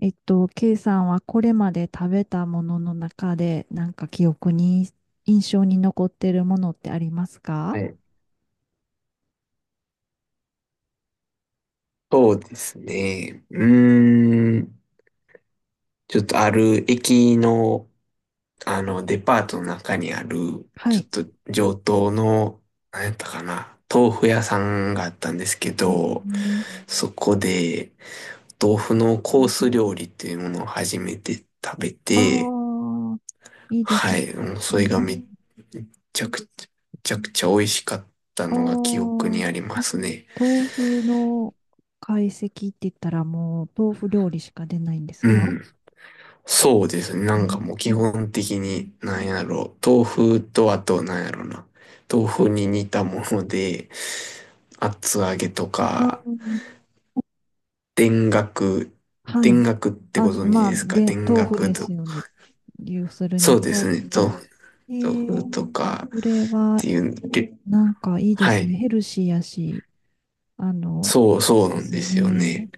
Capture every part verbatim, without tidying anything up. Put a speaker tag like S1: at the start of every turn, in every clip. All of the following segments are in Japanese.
S1: えっと、K さんはこれまで食べたものの中で、なんか記憶に、印象に残ってるものってありますか？
S2: はい。そうですね。うーん。ちょっとある駅の、あの、デパートの中にある、
S1: は
S2: ちょ
S1: い。
S2: っと上等の、何やったかな、豆腐屋さんがあったんですけ
S1: え
S2: ど、
S1: ー。
S2: そこで、豆腐のコース料理っていうものを初めて食べ
S1: あ
S2: て、
S1: あ、いいです
S2: は
S1: ね。
S2: い。もうそれがめっちゃくちゃ、めちゃくちゃ美味しかった
S1: ああ
S2: のが記憶に
S1: ー、
S2: ありますね。
S1: 豆腐の懐石って言ったらもう豆腐料理しか出ないんです
S2: う
S1: か？
S2: ん。そうですね。な
S1: う
S2: んかもう基
S1: ん。
S2: 本的に、なんやろう。豆腐とあと、なんやろな。豆腐に似たもので、厚揚げと
S1: あ
S2: か、
S1: ー、
S2: 田楽、
S1: は
S2: 田
S1: い。
S2: 楽って
S1: あ、
S2: ご存知
S1: まあ、
S2: ですか？田
S1: で、豆腐
S2: 楽
S1: です
S2: と。
S1: よね。要する
S2: そ
S1: に
S2: うで
S1: 豆腐
S2: すね。
S1: の。
S2: 豆腐、
S1: え
S2: 豆腐
S1: ー、
S2: とかっ
S1: それは、
S2: ていう、で、
S1: なんかいいで
S2: は
S1: すね。
S2: い。
S1: ヘルシーやし、あの、
S2: そうそう
S1: で
S2: なん
S1: す
S2: ですよ
S1: ね。
S2: ね。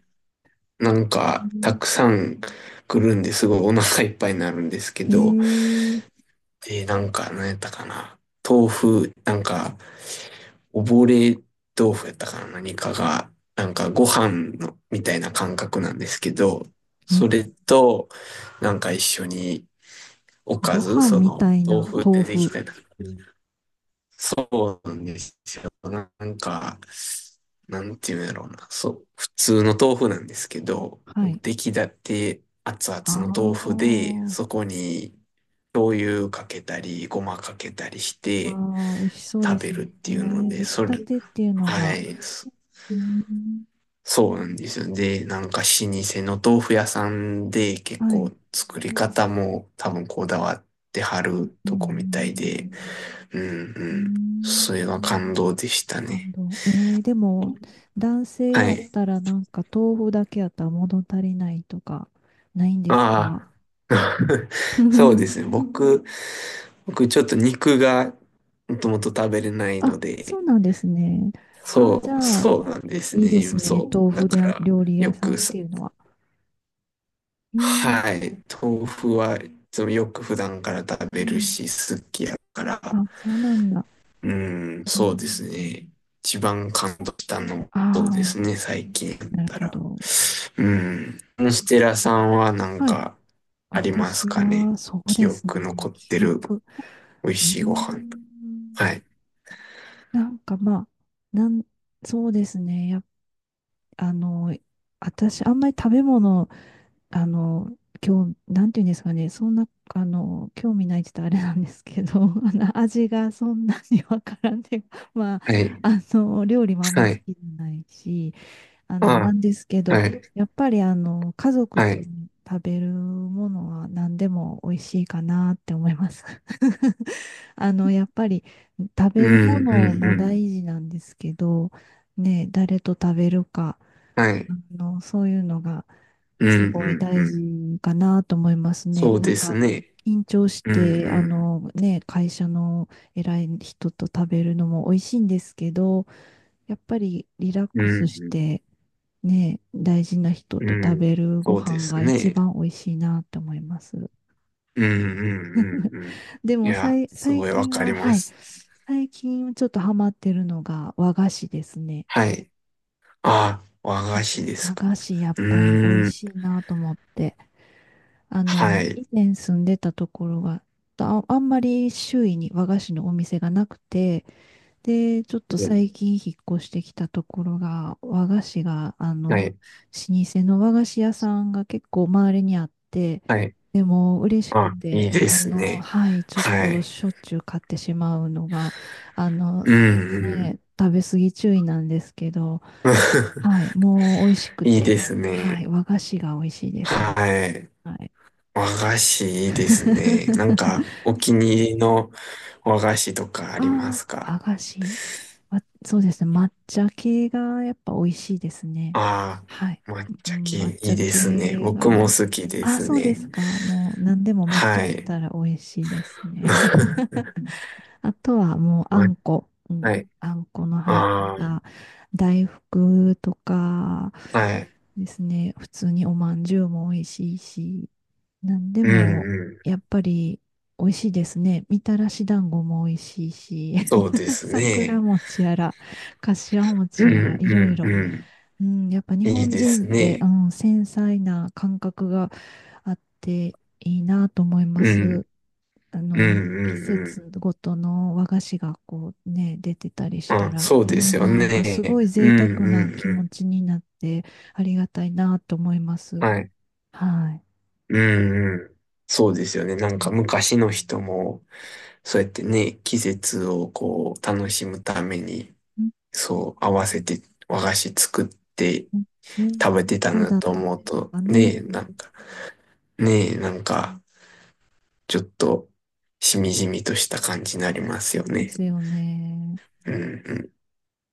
S2: なん
S1: う
S2: か、た
S1: ん。
S2: くさん来るんですごいお腹いっぱいになるんですけ
S1: へ
S2: ど、
S1: え、
S2: で、なんか、何やったかな。豆腐、なんか、溺れ豆腐やったかな、何かが、なんかご飯の、みたいな感覚なんですけど、
S1: え、
S2: それと、なんか一緒におか
S1: ご
S2: ず、
S1: 飯
S2: そ
S1: み
S2: の、
S1: たい
S2: 豆
S1: な
S2: 腐
S1: 豆
S2: ででき
S1: 腐。
S2: たり、そうなんですよ。なんか、なんていうんやろうな、そう、普通の豆腐なんですけど、
S1: はい。
S2: 出来立て熱
S1: あ
S2: 々の豆腐で、
S1: あ、
S2: そこに醤油かけたり、ごまかけたりして
S1: わあ、美味しそうで
S2: 食
S1: す
S2: べ
S1: ね。
S2: るっていうの
S1: ね、
S2: で、
S1: 出来
S2: そ
S1: た
S2: れ、
S1: てっていうの
S2: は
S1: が、
S2: い、
S1: うん、
S2: そうなんですよ。で、なんか老舗の豆腐屋さんで結
S1: はい。
S2: 構作り方も多分こだわってはる
S1: う
S2: とこみたいで、
S1: ん、
S2: うん
S1: う
S2: うん。そ
S1: ん。
S2: れは感動でした
S1: 感
S2: ね。
S1: 動。えー、でも、男性
S2: は
S1: やっ
S2: い。
S1: たらなんか豆腐だけやったら物足りないとか、ないんです
S2: あ
S1: か？
S2: あ、そうです ね。僕、僕ちょっと肉がもともと食べれないの
S1: あ、そ
S2: で、
S1: うなんですね。あ、
S2: そ
S1: じ
S2: う、
S1: ゃあ、
S2: そうなんです
S1: いいです
S2: ね。
S1: ね。
S2: そ
S1: 豆
S2: う。だ
S1: 腐
S2: か
S1: 料
S2: ら、
S1: 料理
S2: よ
S1: 屋さん
S2: く
S1: っ
S2: さ、
S1: ていうのは。えー、
S2: はい。豆腐はいつもよく普段から食
S1: う
S2: べる
S1: ん。
S2: し、好きやから。
S1: あ、そうなんだ。
S2: うん、
S1: う
S2: そ
S1: ん、
S2: うですね。一番感動したのも
S1: あ
S2: そうです
S1: あ、
S2: ね、最近だっ
S1: なる
S2: た
S1: ほ
S2: ら。
S1: ど。
S2: うん。ステラさんはなん
S1: はい。
S2: かあります
S1: 私
S2: かね。
S1: は、そう
S2: 記
S1: です
S2: 憶
S1: ね。
S2: 残っ
S1: 記
S2: てる
S1: 憶。
S2: 美味
S1: うー
S2: しいご飯。
S1: ん。
S2: はい。
S1: なんかまあ、なん、そうですね。やっ、あの、私、あんまり食べ物あの、今日、なんていうんですかね、そんな、あの、興味ないって言ったらあれなんですけど、あの、味がそんなにわからんで、まあ、
S2: はい。
S1: あの、料理もあんま
S2: は
S1: 好
S2: い。
S1: きじゃないし、あの、な
S2: あ、
S1: んですけど、
S2: はい。
S1: やっぱり、あの、家族
S2: は
S1: と
S2: い。
S1: 食べるものは何でも美味しいかなって思います。あの、やっぱり、食
S2: う
S1: べるも
S2: ん、う
S1: の
S2: ん、う
S1: も大
S2: ん。
S1: 事なんですけど、ね、誰と食べるか、
S2: は
S1: あ
S2: い。
S1: の、そういうのが、
S2: うん、
S1: すご
S2: う
S1: い
S2: ん、
S1: 大
S2: うん。
S1: 事かなと思いますね。
S2: そう
S1: なん
S2: です
S1: か、
S2: ね。
S1: 緊張し
S2: うん、
S1: て、あ
S2: うん。
S1: のね、会社の偉い人と食べるのも美味しいんですけど、やっぱりリラッ
S2: う
S1: ク
S2: ん、
S1: スし
S2: うん。
S1: て、ね、大事な人
S2: う
S1: と食
S2: ん、
S1: べるご
S2: そうで
S1: 飯
S2: す
S1: が一
S2: ね。
S1: 番美味しいなと思います。
S2: うんうんうんうん。
S1: で
S2: い
S1: もさ
S2: や、
S1: い、
S2: す
S1: 最
S2: ごいわ
S1: 近
S2: かり
S1: は、
S2: ま
S1: はい、
S2: す。
S1: 最近ちょっとハマってるのが和菓子ですね。はい。
S2: はい。あ、和菓子です
S1: 和
S2: か。
S1: 菓子やっ
S2: う
S1: ぱり美味
S2: ーん。
S1: しいなと思って。あ
S2: は
S1: の、
S2: い。
S1: 以前住んでたところが、あ、あんまり周囲に和菓子のお店がなくて、で、ちょっと最近引っ越してきたところが、和菓子が、あ
S2: は
S1: の、
S2: い。
S1: 老舗の和菓子屋さんが結構周りにあって、
S2: はい。
S1: でも嬉しく
S2: あ、いい
S1: て、
S2: で
S1: あ
S2: す
S1: の、
S2: ね。
S1: はい、ちょっ
S2: は
S1: と
S2: い。
S1: しょっちゅう買ってしまうのが、あの、
S2: うんうん。
S1: ね、食べ過ぎ注意なんですけど、はい、もう美味しく
S2: いい
S1: て、
S2: です
S1: はい、
S2: ね。
S1: 和菓子が美味しいですね。
S2: はい。
S1: はい。
S2: 和菓子いいですね。なんか、お気に入りの和菓子とかありま
S1: あ
S2: す
S1: あ、和
S2: か？
S1: 菓子。わそうですね。抹茶系がやっぱ美味しいですね。
S2: あ
S1: はい。
S2: あー、抹
S1: う
S2: 茶
S1: ん。抹
S2: 系い
S1: 茶
S2: いですね。
S1: 系
S2: 僕も
S1: が。
S2: 好きで
S1: あ、
S2: す
S1: そうで
S2: ね。
S1: すか。もう何でも抹茶
S2: は
S1: やっ
S2: い。
S1: たら美味しいですね。あとはもうあ
S2: ま、
S1: んこ、うん、
S2: はい。
S1: あんこの入っ
S2: あ
S1: た大福とか
S2: あ、はい。
S1: ですね、普通におまんじゅうも美味しいし、なんで
S2: う
S1: も
S2: んうん。
S1: やっぱり美味しいですね。みたらし団子も美味しいし、
S2: そうで す
S1: 桜
S2: ね。
S1: 餅やら、かしわ
S2: う
S1: 餅
S2: ん
S1: やら、いろ
S2: う
S1: い
S2: ん
S1: ろ。
S2: うん。
S1: うん、やっぱ日
S2: いい
S1: 本
S2: で
S1: 人
S2: す
S1: って、う
S2: ね。
S1: ん、繊細な感覚があっていいなと思いま
S2: う
S1: す。
S2: ん。
S1: あ
S2: うん
S1: の、
S2: う
S1: 季
S2: んうん。
S1: 節ごとの和菓子がこうね、出てたりした
S2: あ、
S1: ら、
S2: そう
S1: う
S2: です
S1: ん、
S2: よ
S1: なんかすご
S2: ね。
S1: い
S2: うん
S1: 贅沢
S2: う
S1: な
S2: ん
S1: 気
S2: う
S1: 持
S2: ん。
S1: ちになってありがたいなと思います。
S2: はい。
S1: はい。
S2: うんうん。そうですよね。なんか
S1: ね。
S2: 昔の人も、そうやってね、季節をこう、楽しむために、
S1: うん
S2: そう、合わせて和菓子作って
S1: うんうん。
S2: 食べてた
S1: そう
S2: な
S1: だっ
S2: と
S1: たん
S2: 思う
S1: です
S2: と、
S1: か
S2: ね
S1: ね。
S2: え、なんか、ねえ、なんか、ちょっと、しみじみとした感じになりますよ
S1: で
S2: ね。
S1: すよね。
S2: うんうん、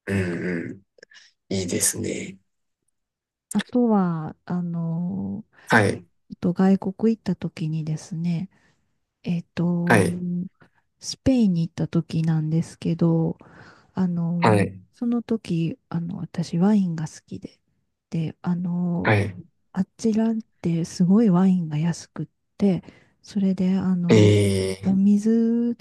S2: うんうん、いいですね。
S1: あとは、あの、
S2: はい、
S1: えっと外国行った時にですね、えっ
S2: は
S1: と、
S2: い、
S1: スペインに行った時なんですけど、あ
S2: は
S1: の、
S2: い、
S1: その時、あの、私ワインが好きで、で、あ
S2: は
S1: の、
S2: い、
S1: あちらってすごいワインが安くって、それで、あの、
S2: え
S1: お
S2: ー、
S1: 水、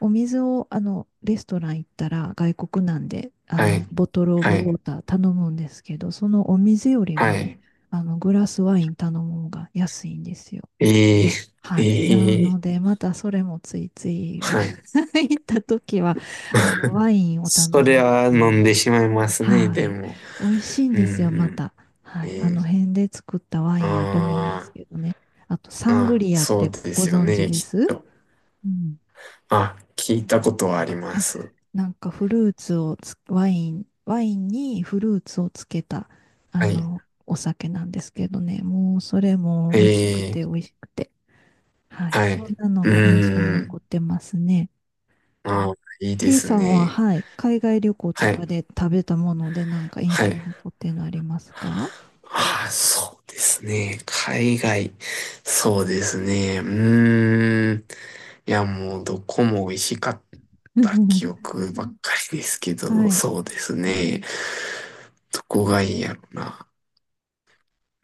S1: お水を、あの、レストラン行ったら外国なんで、あ
S2: は
S1: の、
S2: い、
S1: ボトルオブ
S2: は
S1: ウォ
S2: い、
S1: ーター頼むんですけど、そのお水より
S2: は
S1: も、
S2: い、
S1: あの、グラスワイン頼む方が安いんですよ。
S2: えー、え
S1: はい。なの
S2: ー、
S1: で、またそれもついつい
S2: はい。
S1: 行った時は、あの、ワインを頼
S2: そ
S1: むっ
S2: れは
S1: て
S2: 飲
S1: い
S2: ん
S1: う。
S2: でしまいますね、
S1: は
S2: で
S1: い。
S2: も。
S1: 美味しいん
S2: う
S1: ですよ、ま
S2: ん
S1: た。は
S2: うん、え
S1: い。あの
S2: ー、
S1: 辺で作ったワインやと思うんで
S2: あ
S1: すけどね。あと、
S2: ー、
S1: サング
S2: あ、
S1: リアっ
S2: そう
S1: て
S2: で
S1: ご
S2: すよ
S1: 存知
S2: ね、
S1: で
S2: きっ
S1: す？
S2: と。
S1: うん。
S2: あ、聞いたことはありま
S1: あ、
S2: す。
S1: なんかフルーツをつ、ワイン、ワインにフルーツをつけた、あ
S2: はい。
S1: の、お酒なんですけどね。もう、それも美味しく
S2: え
S1: て美
S2: ー、
S1: 味しくて。はい。
S2: はい。
S1: そんなの
S2: う
S1: が印象
S2: ー
S1: 残
S2: ん。
S1: ってますね。
S2: ああ、いいで
S1: K
S2: す
S1: さんは、
S2: ね。
S1: はい、海外旅行と
S2: はい。
S1: かで食べたものでなんか
S2: は
S1: 印象
S2: い。
S1: に残ってるのありますか？
S2: ああ、そうですね。海外。そうですね。うーん。いや、もう、どこも美味しかった記 憶ばっかりですけ
S1: は
S2: ど、
S1: い。
S2: そうですね。どこがいいやろな。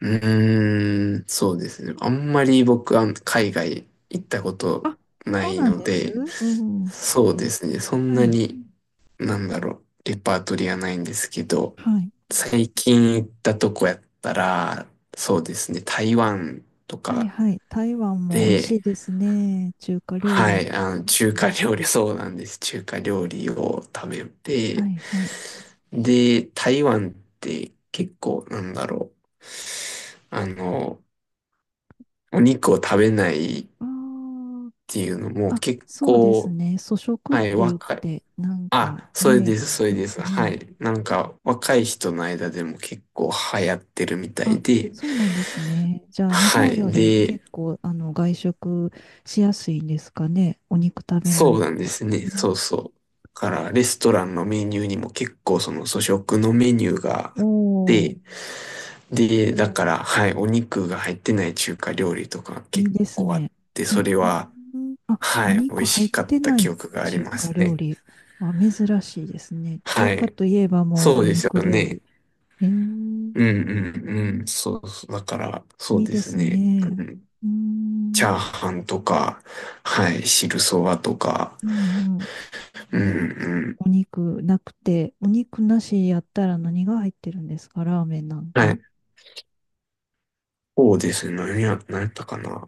S2: うーん、そうですね。あんまり僕は海外行ったこと
S1: あ、
S2: な
S1: そう
S2: い
S1: なん
S2: の
S1: です。
S2: で、
S1: うん。
S2: そうですね。そん
S1: は
S2: な
S1: い。
S2: に、なんだろう、レパートリーはないんですけど、
S1: はい。
S2: 最近行ったとこやったら、そうですね。台湾と
S1: はい、
S2: か
S1: はい。台湾も美味し
S2: で、
S1: いですね。中華料
S2: は
S1: 理。
S2: い、あの、中華料理、そうなんです。中華料理を食べ
S1: は
S2: て、
S1: い、はい。
S2: で、台湾って結構、なんだろう、あの、お肉を食べないっ
S1: あー
S2: ていうのも
S1: あ、
S2: 結
S1: そうです
S2: 構、
S1: ね。素食っ
S2: はい、
S1: て言っ
S2: 若い。
S1: て、なんか
S2: あ、それ
S1: ね、
S2: です、そ
S1: う
S2: れ
S1: ん、
S2: です。は
S1: うん。
S2: い。なんか、若い人の間でも結構流行ってるみたい
S1: あ、
S2: で、
S1: そうなんですね。じゃあ、日
S2: は
S1: 本よ
S2: い。
S1: り
S2: で、
S1: 結構、あの、外食しやすいんですかね。お肉食べな
S2: そ
S1: い
S2: うなんで
S1: 人。
S2: すね。
S1: う
S2: そうそう。だから、レストランのメニューにも結構その素食のメニューがあっ
S1: おー、
S2: て、で、だから、はい、お肉が入ってない中華料理とか
S1: いい
S2: 結
S1: です
S2: 構あっ
S1: ね。
S2: て、
S1: う
S2: それは、
S1: ん。あ、
S2: は
S1: お
S2: い、美
S1: 肉
S2: 味
S1: 入っ
S2: しかっ
S1: て
S2: た
S1: な
S2: 記
S1: い
S2: 憶があり
S1: 中
S2: ま
S1: 華
S2: す
S1: 料
S2: ね。
S1: 理は珍しいですね。中
S2: は
S1: 華
S2: い。
S1: といえばも
S2: そ
S1: う
S2: う
S1: お
S2: です
S1: 肉
S2: よ
S1: 料
S2: ね。
S1: 理。えー、
S2: うんうんうん。そうそう。だから、そ
S1: い
S2: う
S1: い
S2: で
S1: で
S2: す
S1: す
S2: ね。
S1: ね。
S2: うん。
S1: う
S2: チャ
S1: ん、
S2: ーハンとか、はい、汁そばとか、
S1: うん、うん。
S2: うんうん。
S1: お肉なくて、お肉なしやったら何が入ってるんですか？ラーメンなん
S2: は
S1: か。
S2: い。そうですね。何や、何やったかな。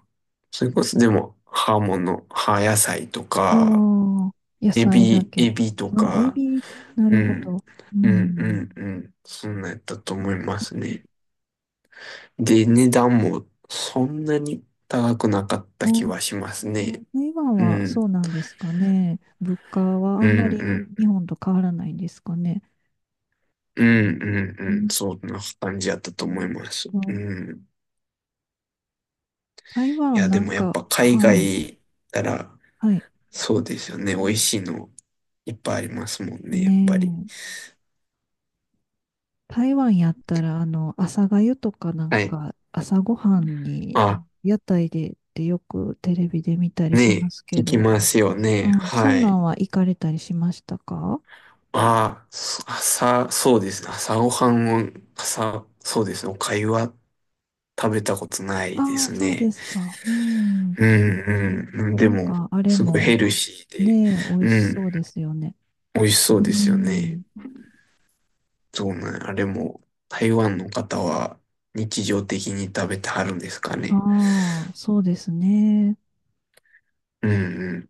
S2: それこそ、でも、葉物、葉野菜と
S1: あ
S2: か、
S1: あ、野
S2: エ
S1: 菜だ
S2: ビ、エ
S1: け。
S2: ビと
S1: あ、エ
S2: か、
S1: ビ、な
S2: う
S1: るほ
S2: ん。
S1: ど。う
S2: うんう
S1: ん。
S2: んうん。そんなんやったと思いますね。で、値段もそんなに高くなかった気は
S1: あ、
S2: しますね。
S1: 台湾
S2: う
S1: は
S2: ん。
S1: そうなんですかね。物価はあ
S2: う
S1: ん
S2: ん
S1: まり
S2: うん
S1: 日本と変わらないんですかね。
S2: うん、うん、
S1: う
S2: うん。
S1: ん
S2: そんな感じやったと思います。う
S1: と、
S2: ん。
S1: 台
S2: い
S1: 湾
S2: や、で
S1: なん
S2: もやっ
S1: か、
S2: ぱ海
S1: はい、
S2: 外行ったら、
S1: はい。
S2: そうですよね。美味しいのいっぱいありますもんね、やっぱり。
S1: ねえ、台湾やったら、あの、朝粥とかなん
S2: はい。
S1: か、朝ごはんに
S2: あ、
S1: 屋台でってよくテレビで見たりしま
S2: ね
S1: す
S2: え、
S1: け
S2: 聞き
S1: ど、
S2: ますよ
S1: う
S2: ね。
S1: ん、そ
S2: は
S1: んな
S2: い。
S1: んは行かれたりしましたか？
S2: あ、そ朝、そうですね。朝ごはんを、朝、そうですね。お粥は食べたことないで
S1: ああ、
S2: す
S1: そうで
S2: ね。
S1: すか。うん。
S2: うん。うん
S1: な
S2: で
S1: ん
S2: も、
S1: か、あれ
S2: すごいヘ
S1: も、
S2: ルシーで、
S1: ねえ、美味
S2: う
S1: し
S2: ん。
S1: そうですよね。
S2: 美味しそう
S1: う
S2: ですよね。
S1: ん。
S2: そうなん、あれも、台湾の方は日常的に食べてはるんですか
S1: あ
S2: ね。
S1: あ、そうですね。
S2: うん